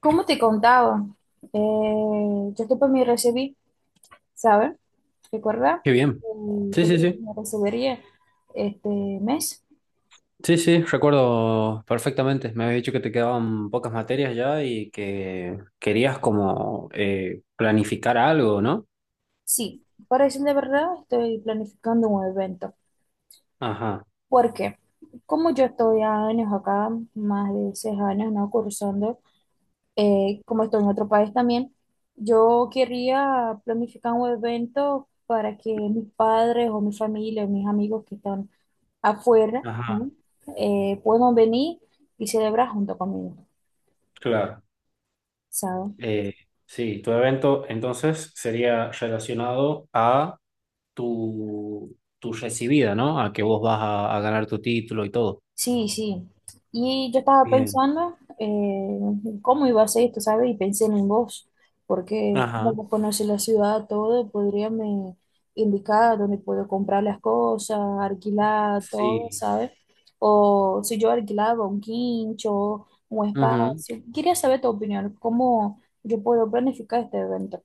Como te contaba, eh, yo después me recibí, ¿sabes? ¿Recuerda? Qué bien. Sí, Te sí, que sí. me recibiría este mes. Sí, sí, recuerdo perfectamente. Me habías dicho que te quedaban pocas materias ya y que querías como planificar algo, ¿no? Sí, para decir de verdad, estoy planificando un evento. Ajá, ¿Por qué? Como yo estoy años acá, más de 6 años, ¿no? Cursando, como estoy en otro país también, yo quería planificar un evento para que mis padres o mi familia, mis amigos que están afuera, ajá, ¿no? Puedan venir y celebrar junto conmigo, claro. ¿sabes? Eh, sí, tu evento entonces sería relacionado a tu recibida, ¿no? A que vos vas a ganar tu título y todo. Sí, sí. Y yo estaba Bien. pensando cómo iba a ser esto, ¿sabes? Y pensé en vos, porque como Ajá, vos conocés la ciudad, todo, podría me indicar dónde puedo comprar las cosas, alquilar, todo, sí. ¿sabes? O si yo alquilaba un quincho, un espacio. Quería saber tu opinión, cómo yo puedo planificar este evento.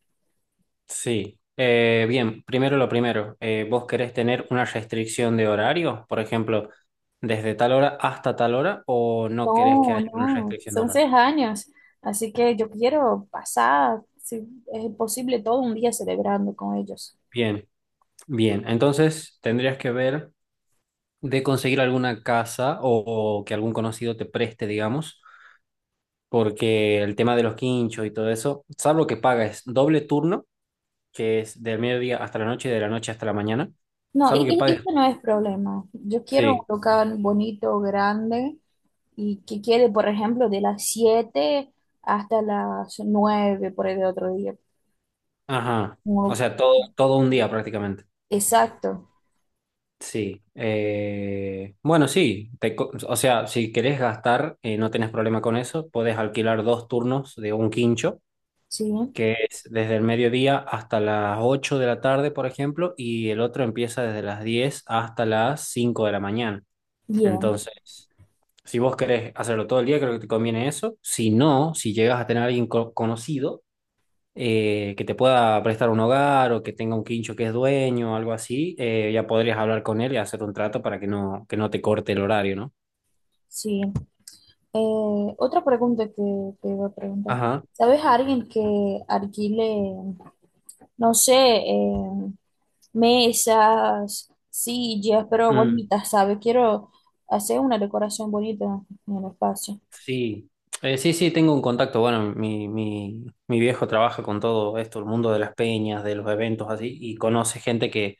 Sí, bien, primero lo primero, ¿vos querés tener una restricción de horario? Por ejemplo, desde tal hora hasta tal hora o no querés que No, haya una no, restricción de son horario? 3 años, así que yo quiero pasar, si es posible, todo un día celebrando con ellos. Bien, bien, entonces tendrías que ver de conseguir alguna casa o que algún conocido te preste, digamos, porque el tema de los quinchos y todo eso, salvo que pagues doble turno, que es del mediodía hasta la noche y de la noche hasta la mañana, No, y, salvo que y- y pagues, esto no es problema. Yo quiero un sí, local bonito, grande, y que quede, por ejemplo, de las 7 hasta las 9 por el otro día. ajá, o Como- sea, todo, todo un día prácticamente. Exacto, Sí, bueno, sí, o sea, si querés gastar, no tenés problema con eso, podés alquilar dos turnos de un quincho, sí, que es desde el mediodía hasta las 8 de la tarde, por ejemplo, y el otro empieza desde las 10 hasta las 5 de la mañana. bien, Entonces, si vos querés hacerlo todo el día, creo que te conviene eso. Si no, si llegas a tener a alguien conocido, que te pueda prestar un hogar o que tenga un quincho que es dueño o algo así, ya podrías hablar con él y hacer un trato para que no te corte el horario, ¿no? sí. Otra pregunta que te iba a preguntar. Ajá. ¿Sabes a alguien que alquile? No sé, mesas, sillas, pero Mm, bonitas, ¿sabes? Quiero hacer una decoración bonita en el espacio. sí. Sí, sí, tengo un contacto. Bueno, mi viejo trabaja con todo esto, el mundo de las peñas, de los eventos así, y conoce gente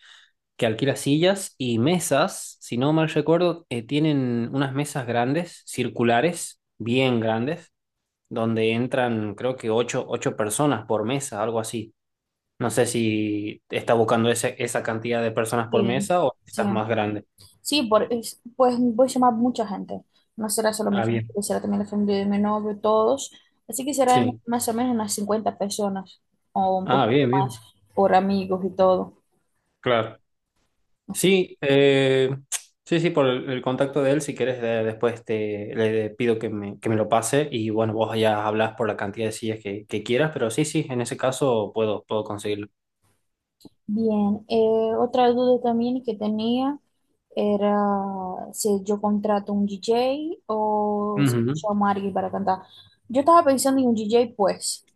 que alquila sillas y mesas, si no mal recuerdo, tienen unas mesas grandes, circulares, bien grandes, donde entran creo que ocho, ocho personas por mesa, algo así. No sé si está buscando esa cantidad de personas por Sí, mesa o sí, estás más grande. sí, pues voy a llamar mucha gente. No será solo mi Ah, familia, bien. será también la familia de mi novio, todos. Así que serán Sí. más o menos unas 50 personas o un Ah, poquito bien, bien. más por amigos y todo. Claro. Así que, Sí, sí, sí, por el contacto de él, si quieres, después te, le pido que me lo pase y bueno, vos ya hablas por la cantidad de sillas que quieras, pero sí, sí, en ese caso puedo, puedo conseguirlo. bien, otra duda también que tenía. Era si yo contrato un DJ o si yo Ujú, llamo a alguien para cantar. Yo estaba pensando en un DJ, pues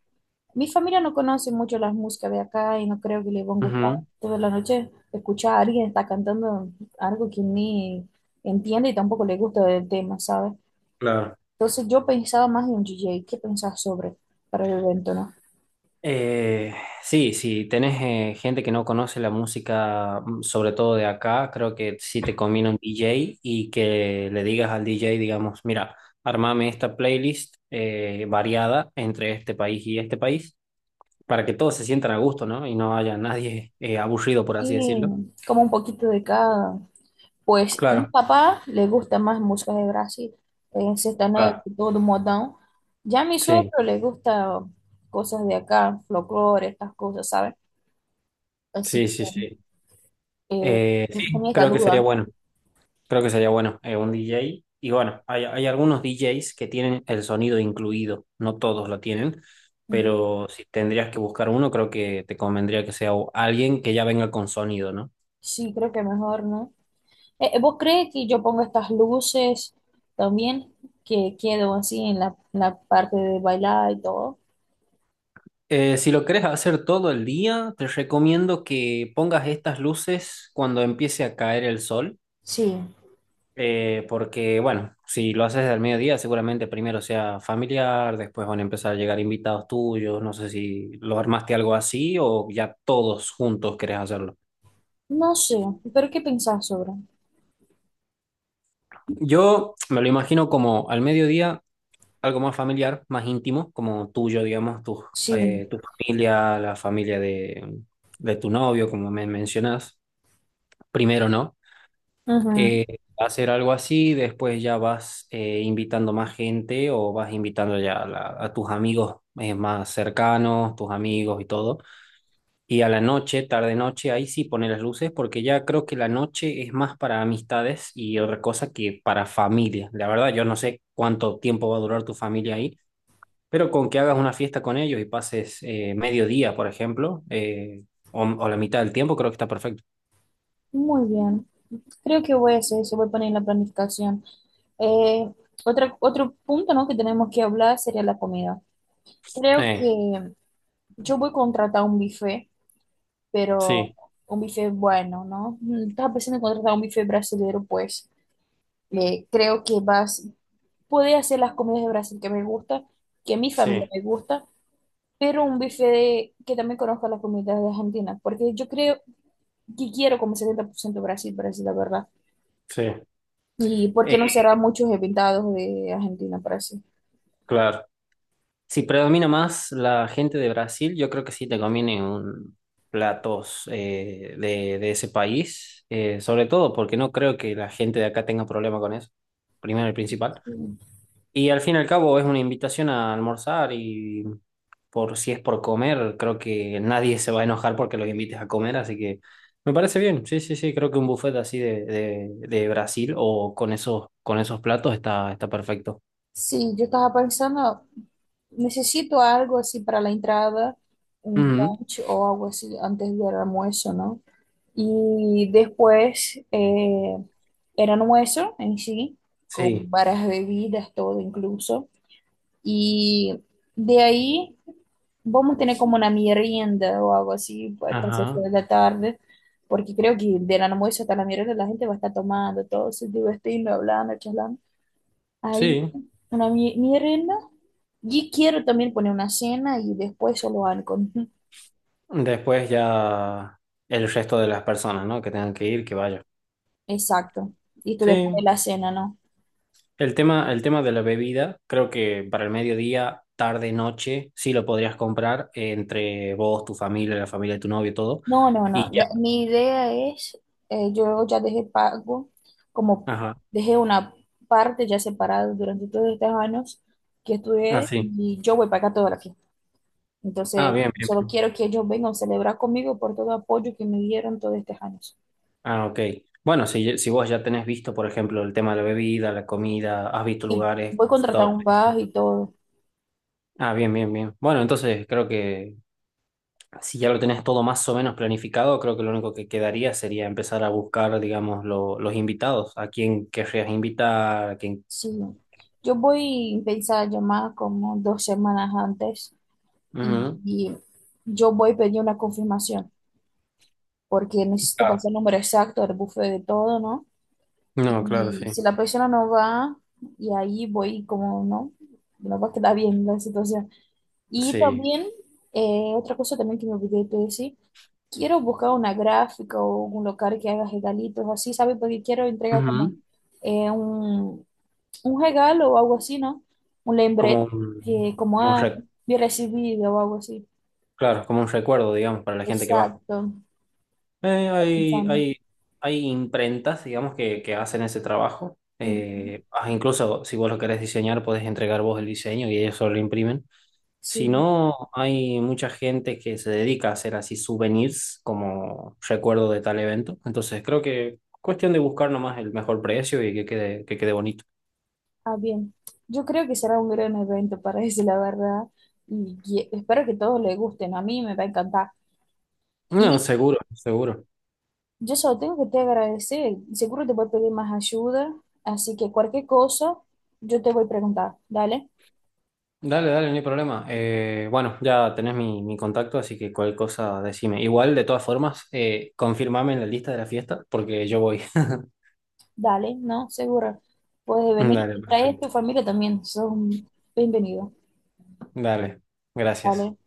mi familia no conoce mucho las músicas de acá y no creo que les van a gustar ujú, toda la noche escuchar a alguien está cantando algo que ni entiende y tampoco le gusta del tema, ¿sabes? claro. Entonces yo pensaba más en un DJ, ¿qué pensás sobre para el evento, no? Eh, sí, si tenés gente que no conoce la música, mm, sobre todo de acá, creo que sí te conviene un DJ y que le digas al DJ, digamos, mira, armame esta playlist variada entre este país y este país, para que todos se sientan a gusto, ¿no? Y no haya nadie aburrido, por así decirlo. Y como un poquito de cada, pues mi Claro, papá le gusta más música de Brasil, sertanejo claro. y todo modão. Ya a mi Sí, suegro le gusta cosas de acá, folclore, estas cosas, ¿sabes? Así sí, sí, que sí. eh, Sí, tenía esta creo que sería duda. bueno. Creo que sería bueno, un DJ. Y bueno, hay algunos DJs que tienen el sonido incluido, no todos lo tienen, pero si tendrías que buscar uno, creo que te convendría que sea alguien que ya venga con sonido, ¿no? Sí, creo que mejor, ¿no? ¿Vos crees que yo pongo estas luces también, que quedo así en la parte de bailar y todo? Si lo querés hacer todo el día, te recomiendo que pongas estas luces cuando empiece a caer el sol, Sí, porque bueno, si lo haces al mediodía, seguramente primero sea familiar, después van a empezar a llegar invitados tuyos, no sé si lo armaste algo así o ya todos juntos querés hacerlo. no sé, pero ¿qué pensás sobre? Yo me lo imagino como al mediodía, algo más familiar, más íntimo, como tuyo, digamos, tu, Sí, tu familia, la familia de tu novio, como me mencionas. Primero, ¿no? ujú. Eh, Hacer algo así, después ya vas invitando más gente o vas invitando ya a, a tus amigos más cercanos, tus amigos y todo. Y a la noche, tarde noche, ahí sí pone las luces porque ya creo que la noche es más para amistades y otra cosa que para familia. La verdad, yo no sé cuánto tiempo va a durar tu familia ahí, pero con que hagas una fiesta con ellos y pases mediodía, por ejemplo, o la mitad del tiempo, creo que está perfecto. Muy bien. Creo que voy a hacer eso, voy a poner en la planificación. Eh, otro punto, ¿no? Que tenemos que hablar sería la comida. Creo Eh, que yo voy a contratar un buffet, pero sí, un buffet bueno, ¿no? Estaba pensando en contratar un buffet brasileño, pues creo que vas, puede hacer las comidas de Brasil que me gusta, que a mi familia sí, me gusta, pero un buffet que también conozca las comidas de Argentina, porque yo creo que quiero como 70% Brasil, Brasil, la verdad. sí. ¿Y por Eh, qué no será muchos invitados de Argentina para sí? claro. Si predomina más la gente de Brasil, yo creo que sí te conviene un platos de ese país, sobre todo porque no creo que la gente de acá tenga problema con eso, primero y principal. Y al fin y al cabo es una invitación a almorzar y por si es por comer, creo que nadie se va a enojar porque los invites a comer, así que me parece bien, sí, sí, sí, creo que un buffet así de Brasil o con esos platos está, está perfecto. Sí, yo estaba pensando, necesito algo así para la entrada, un Ujú, lunch o algo así antes del almuerzo, ¿no? Y después el almuerzo en sí, con sí, varias bebidas, todo incluso. Y de ahí vamos a tener como una merienda o algo así pues, hasta las seis ajá, de la tarde, porque creo que del almuerzo hasta la merienda la gente va a estar tomando, todo se divirtiendo, hablando, charlando. Ahí, sí. una merienda. Y quiero también poner una cena y después solo algo. Después ya el resto de las personas, ¿no? Que tengan que ir, que vayan. Exacto. Y esto después de Sí, la cena, ¿no? El tema de la bebida, creo que para el mediodía, tarde, noche, sí lo podrías comprar entre vos, tu familia, la familia de tu novio, todo. No, no, no. Y ya. Mi idea es, yo ya dejé pago, como Ajá. dejé una parte ya separada durante todos estos años que Ah, estudié sí. y yo voy a pagar todo lo. Ah, Entonces, bien, bien, solo bien. quiero que ellos vengan a celebrar conmigo por todo el apoyo que me dieron todos estos años. Ah, ok. Bueno, si vos ya tenés visto, por ejemplo, el tema de la bebida, la comida, has visto Y lugares, voy a contratar consultado un precios. bus y todo. Ah, bien, bien, bien. Bueno, entonces creo que si ya lo tenés todo más o menos planificado, creo que lo único que quedaría sería empezar a buscar, digamos, los invitados, a quién querrías invitar, a quién... Sí, ¿no? Yo voy a pensar llamar como 2 semanas antes y, Ujú. y yo voy a pedir una confirmación porque necesito Claro. pasar el número exacto del buffet de todo, ¿no? No, claro, Y sí. si la persona no va, y ahí voy como, ¿no? No va a quedar bien la situación. Y Sí. también, otra cosa también que me olvidé de decir, quiero buscar una gráfica o un local que haga regalitos así, ¿sabes? Porque quiero entregar como Ujú. eh, un, un regalo o algo así, ¿no? Un Como lembrete un, que como, yo recibido o algo así. claro, como un recuerdo, digamos, para la gente que va. Exacto, Eh, está hay, pensando. hay, Hay imprentas, digamos, que hacen ese trabajo. Ujú. Incluso si vos lo querés diseñar, podés entregar vos el diseño y ellos solo lo imprimen. Si Sí, no, hay mucha gente que se dedica a hacer así souvenirs como recuerdo de tal evento. Entonces creo que cuestión de buscar nomás el mejor precio y que quede bonito. ah, bien. Yo creo que será un gran evento para ese, la verdad espero que todos les gusten. A mí me va a encantar. No, Y seguro, seguro. yo solo tengo que te agradecer. Seguro te voy a pedir más ayuda, así que cualquier cosa yo te voy a preguntar. Dale, Dale, dale, no hay problema. Bueno, ya tenés mi contacto, así que cualquier cosa decime. Igual, de todas formas, confirmame en la lista de la fiesta porque yo voy. dale, no, seguro. Puedes venir Dale, y traes perfecto. tu familia también. Son bienvenidos. Dale, gracias. Dale.